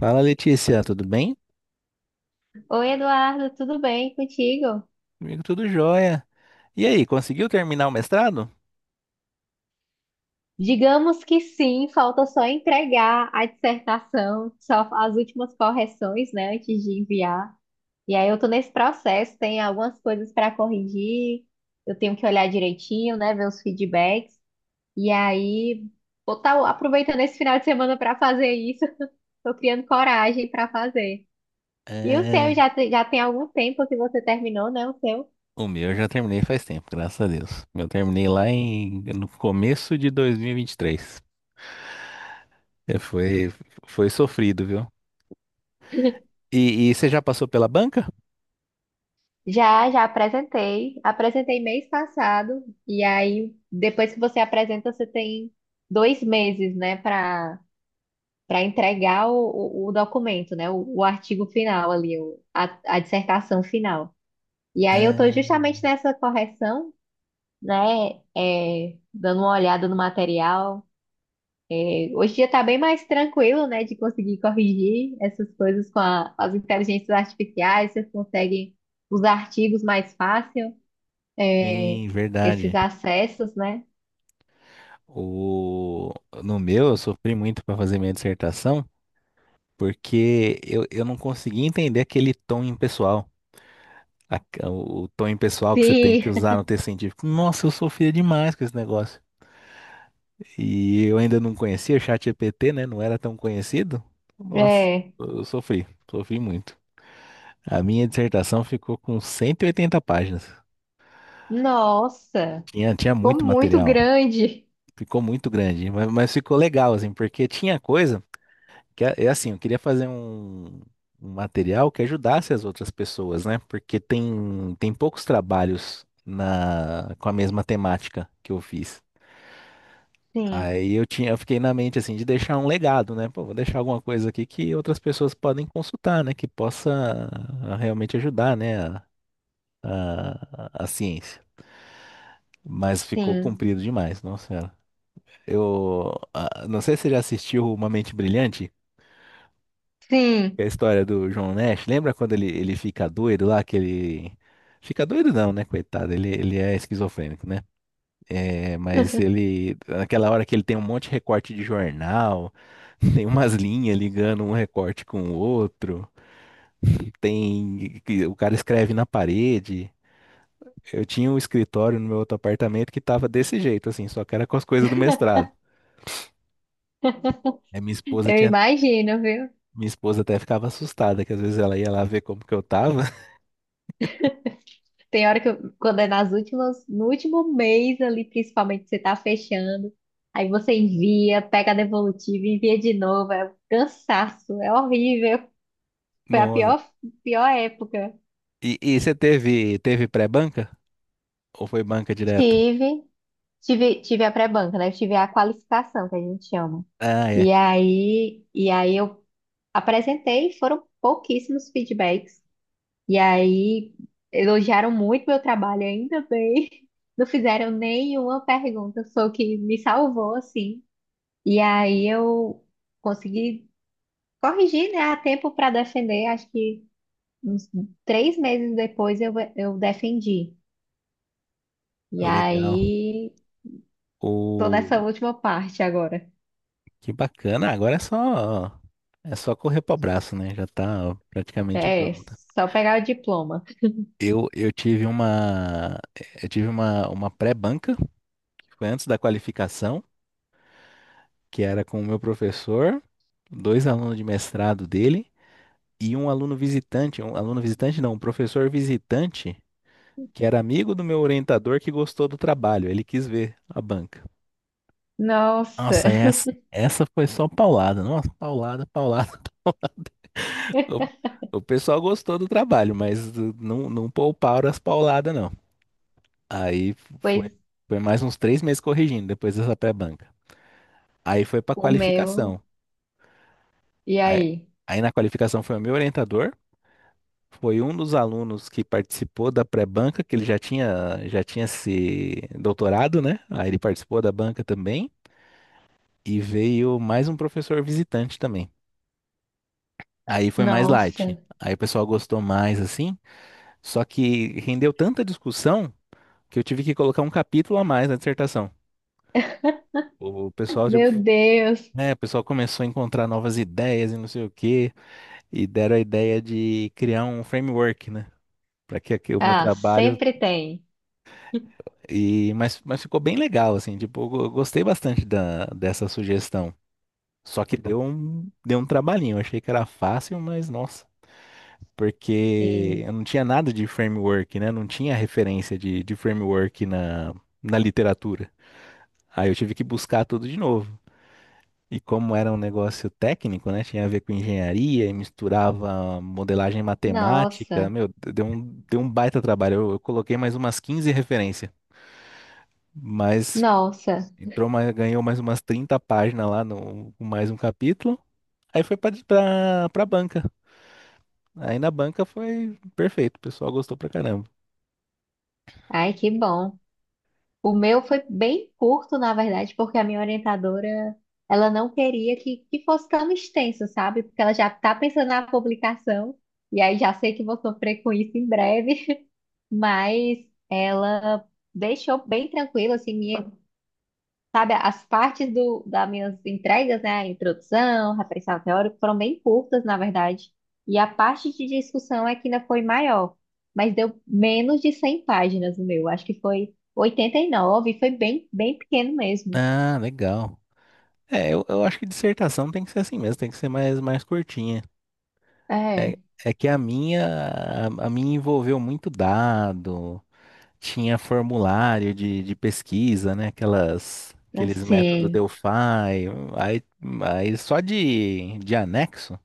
Fala Letícia, tudo bem? Oi, Eduardo, tudo bem contigo? Comigo tudo jóia. E aí, conseguiu terminar o mestrado? Digamos que sim, falta só entregar a dissertação, só as últimas correções, né, antes de enviar. E aí eu tô nesse processo, tem algumas coisas para corrigir, eu tenho que olhar direitinho, né, ver os feedbacks. E aí, vou estar aproveitando esse final de semana para fazer isso. Tô criando coragem para fazer. E o seu É, já, já tem algum tempo que você terminou, né, o seu? o meu eu já terminei faz tempo, graças a Deus. Eu terminei lá em, no começo de 2023. É, foi, foi sofrido, viu? E, você já passou pela banca? Já, já apresentei. Apresentei mês passado. E aí, depois que você apresenta, você tem dois meses, né, para entregar o documento, né, o artigo final ali, a dissertação final. E aí, eu estou É, justamente nessa correção, né, dando uma olhada no material. É, hoje em dia está bem mais tranquilo, né, de conseguir corrigir essas coisas com as inteligências artificiais, você consegue os artigos mais fácil, é, sim, esses verdade. acessos, né? O, no meu eu sofri muito para fazer minha dissertação, porque eu não conseguia entender aquele tom impessoal. a- o tom pessoal que você tem que Sim, usar no texto científico. Nossa, eu sofria demais com esse negócio. E eu ainda não conhecia o ChatGPT, né? Não era tão conhecido. Nossa, é. eu sofri, sofri muito. A minha dissertação ficou com 180 páginas. Nossa, Tinha ficou muito muito material. grande. Ficou muito grande, mas ficou legal, assim, porque tinha coisa que, é assim, eu queria fazer um, um material que ajudasse as outras pessoas, né? Porque tem, tem poucos trabalhos na, com a mesma temática que eu fiz. Sim, Aí eu tinha, eu fiquei na mente assim de deixar um legado, né? Pô, vou deixar alguma coisa aqui que outras pessoas podem consultar, né? Que possa realmente ajudar, né? A ciência. Mas ficou sim, comprido demais, nossa senhora. Eu não sei se você já assistiu Uma Mente Brilhante, que sim. é a história do John Nash. Lembra quando ele fica doido lá, que ele fica doido não, né? Coitado, ele é esquizofrênico, né? É, mas ele, naquela hora que ele tem um monte de recorte de jornal, tem umas linhas ligando um recorte com o outro, tem, que o cara escreve na parede. Eu tinha um escritório no meu outro apartamento que tava desse jeito, assim, só que era com as coisas do mestrado. Aí minha esposa Eu tinha, imagino, viu? minha esposa até ficava assustada, que às vezes ela ia lá ver como que eu tava. Tem hora que quando é nas últimas, no último mês ali, principalmente, que você tá fechando, aí você envia, pega a devolutiva, envia de novo. É um cansaço, é horrível. Foi a Nossa. pior, pior época. E, você teve, teve pré-banca? Ou foi banca direto? Tive, tive, tive a pré-banca, né? Eu tive a qualificação, que a gente chama. Ah, E é. aí, e aí eu apresentei, foram pouquíssimos feedbacks. E aí elogiaram muito meu trabalho, ainda bem. Não fizeram nenhuma pergunta, foi o que me salvou, assim. E aí eu consegui corrigir, né, a tempo para defender. Acho que uns três meses depois eu defendi. E Legal. aí tô nessa última parte agora. Que bacana. Agora é só correr para o braço, né? Já tá praticamente É, pronta. só pegar o diploma. Eu tive uma eu tive uma pré-banca, que foi antes da qualificação, que era com o meu professor, dois alunos de mestrado dele e um aluno visitante não, um professor visitante, que era amigo do meu orientador que gostou do trabalho, ele quis ver a banca. Nossa, Nossa, essa foi só paulada. Nossa, paulada, paulada. O, o pessoal gostou do trabalho, mas não, não pouparam as pauladas, não. Aí foi, pois foi mais uns três meses corrigindo depois dessa pré-banca. Aí foi para o meu. qualificação. E Aí, aí? aí na qualificação foi o meu orientador, foi um dos alunos que participou da pré-banca, que ele já tinha se doutorado, né? Aí ele participou da banca também. E veio mais um professor visitante também. Aí foi mais Nossa, light. Aí o pessoal gostou mais, assim. Só que rendeu tanta discussão. Que eu tive que colocar um capítulo a mais na dissertação. O pessoal, meu tipo, Deus. né, o pessoal começou a encontrar novas ideias e não sei o quê, e deram a ideia de criar um framework, né, para que, que o meu Ah, trabalho sempre tem. e mas ficou bem legal assim, tipo, gostei bastante da, dessa sugestão. Só que deu um trabalhinho, eu achei que era fácil, mas nossa, Sim. porque eu não tinha nada de framework, né? Não tinha referência de framework na, na literatura. Aí eu tive que buscar tudo de novo. E como era um negócio técnico, né? Tinha a ver com engenharia e misturava modelagem matemática. Nossa, Meu, deu um baita trabalho. Eu coloquei mais umas 15 referências, mas nossa. entrou mais, ganhou mais umas 30 páginas lá no com mais um capítulo. Aí foi pra, pra, pra banca. Aí na banca foi perfeito. O pessoal gostou pra caramba. Ai, que bom. O meu foi bem curto, na verdade, porque a minha orientadora, ela não queria que fosse tão extenso, sabe? Porque ela já tá pensando na publicação, e aí já sei que vou sofrer com isso em breve, mas ela deixou bem tranquilo, assim, minha. Sabe, as partes das minhas entregas, né, a introdução, referencial teórico, foram bem curtas, na verdade. E a parte de discussão é que ainda foi maior, mas deu menos de 100 páginas o meu. Acho que foi 89, e nove, e foi bem, bem pequeno mesmo. Ah, legal. É, eu acho que dissertação tem que ser assim mesmo, tem que ser mais, mais curtinha. É, É, é que a minha envolveu muito dado. Tinha formulário de pesquisa, né? Aquelas, aqueles métodos assim, Delphi. Aí, aí só de anexo.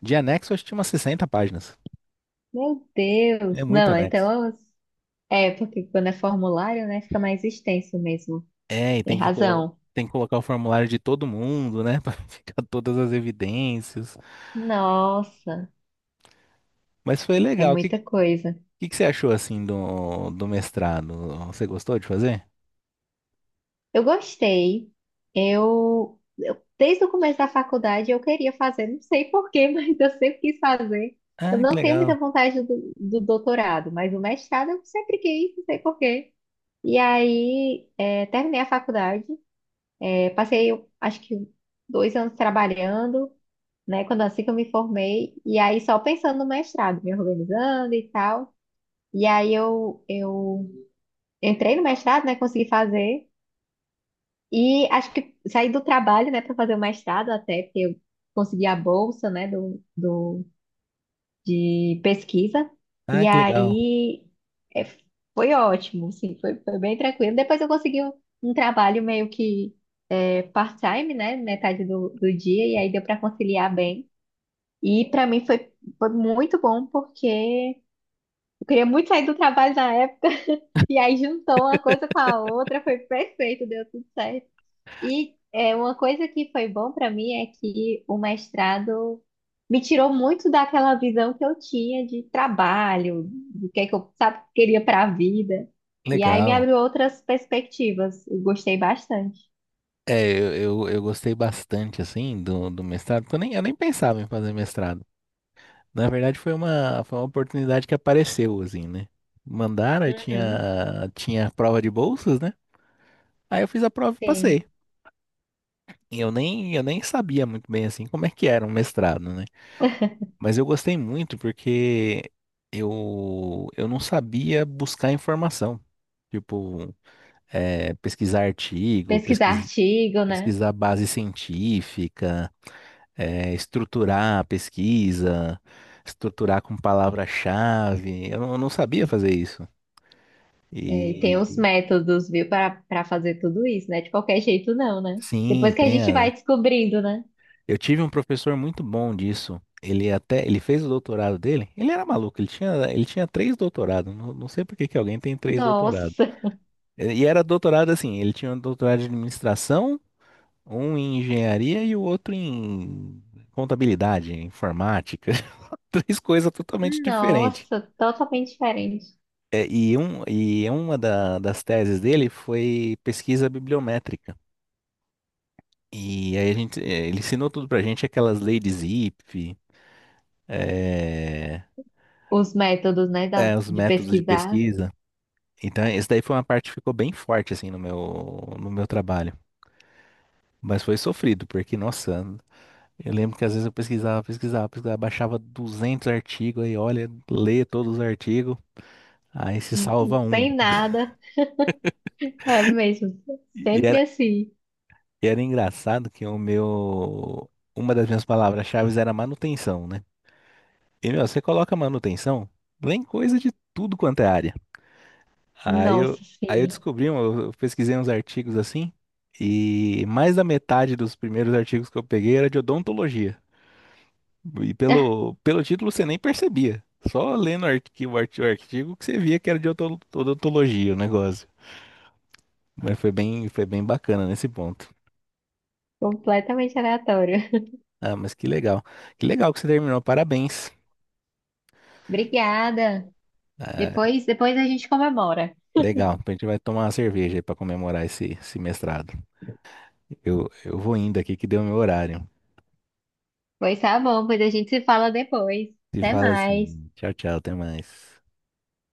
De anexo, acho que tinha umas 60 páginas. meu É Deus. muito Não, anexo. então, é, porque quando é formulário, né, fica mais extenso mesmo. É, e Tem tem que, colo razão. tem que colocar o formulário de todo mundo, né? Pra ficar todas as evidências. Nossa, Mas foi é legal. O que, muita coisa. Que você achou, assim, do, do mestrado? Você gostou de fazer? Eu gostei. Desde o começo da faculdade eu queria fazer, não sei porquê, mas eu sempre quis fazer. Eu Ah, que não tenho muita legal. vontade do doutorado, mas o mestrado eu sempre quis, não sei porquê. E aí é, terminei a faculdade, é, passei eu acho que dois anos trabalhando, né? Quando assim que eu me formei, e aí só pensando no mestrado, me organizando e tal. E aí eu entrei no mestrado, né? Consegui fazer. E acho que saí do trabalho, né, para fazer o mestrado até, porque eu consegui a bolsa, né, de pesquisa. Ah, E que legal. aí é, foi ótimo, assim, foi, foi bem tranquilo. Depois eu consegui um, um trabalho meio que é, part-time, né, metade do dia, e aí deu para conciliar bem. E para mim foi, foi muito bom, porque eu queria muito sair do trabalho na época, e aí juntou uma coisa com a outra, foi perfeito, deu tudo certo. E é, uma coisa que foi bom para mim é que o mestrado me tirou muito daquela visão que eu tinha de trabalho, do que é que eu, sabe, queria para a vida. E aí me Legal. abriu outras perspectivas. Eu gostei bastante. É, eu gostei bastante, assim, do, do mestrado, porque eu nem pensava em fazer mestrado. Na verdade, foi uma oportunidade que apareceu, assim, né? Mandaram, eu Uhum, tinha, tinha prova de bolsas, né? Aí eu fiz a prova e passei. sim. E eu nem sabia muito bem, assim, como é que era um mestrado, né? Mas eu gostei muito porque eu não sabia buscar informação. Tipo, é, pesquisar artigo, Pesquisar artigo, né? pesquisar base científica, estruturar a pesquisa, estruturar com palavra-chave. Eu não sabia fazer isso. É, e tem os E métodos, viu, para fazer tudo isso, né? De qualquer jeito, não, né? sim, Depois que a tem gente vai a... descobrindo, né? Eu tive um professor muito bom disso. Ele até, ele fez o doutorado dele. Ele era maluco, ele tinha três doutorados. Não, não sei por que que alguém tem três doutorados. Nossa, E era doutorado assim, ele tinha um doutorado de administração, um em engenharia e o outro em contabilidade, informática. Três coisas totalmente diferentes. nossa, totalmente diferente. É, e, um, e uma das teses dele foi pesquisa bibliométrica. E aí a gente, é, ele ensinou tudo pra gente, aquelas leis de Zipf, é, Os métodos, né, é, os de métodos de pesquisar, pesquisa. Então, isso daí foi uma parte que ficou bem forte, assim, no meu, no meu trabalho. Mas foi sofrido, porque, nossa, eu lembro que às vezes eu pesquisava, pesquisava, pesquisava, baixava 200 artigos, aí olha, lê todos os artigos, aí se não não salva um. tem nada. É mesmo, E sempre assim. E era engraçado que o meu. Uma das minhas palavras-chave era manutenção, né? E, meu, você coloca manutenção, vem coisa de tudo quanto é área. Aí eu, Nossa, aí eu sim, descobri, um, eu pesquisei uns artigos assim, e mais da metade dos primeiros artigos que eu peguei era de odontologia. E pelo, pelo título você nem percebia. Só lendo o artigo, o artigo que você via que era de odontologia o negócio. Mas foi bem bacana nesse ponto. completamente aleatório. Ah, mas que legal. Que legal que você terminou. Parabéns. Obrigada. Ah, Depois, depois a gente comemora. legal, a gente vai tomar uma cerveja aí para comemorar esse, esse mestrado. Eu vou indo aqui que deu meu horário. Pois tá bom, pois a gente se fala depois. Se Até fala mais. assim, tchau, tchau, até mais.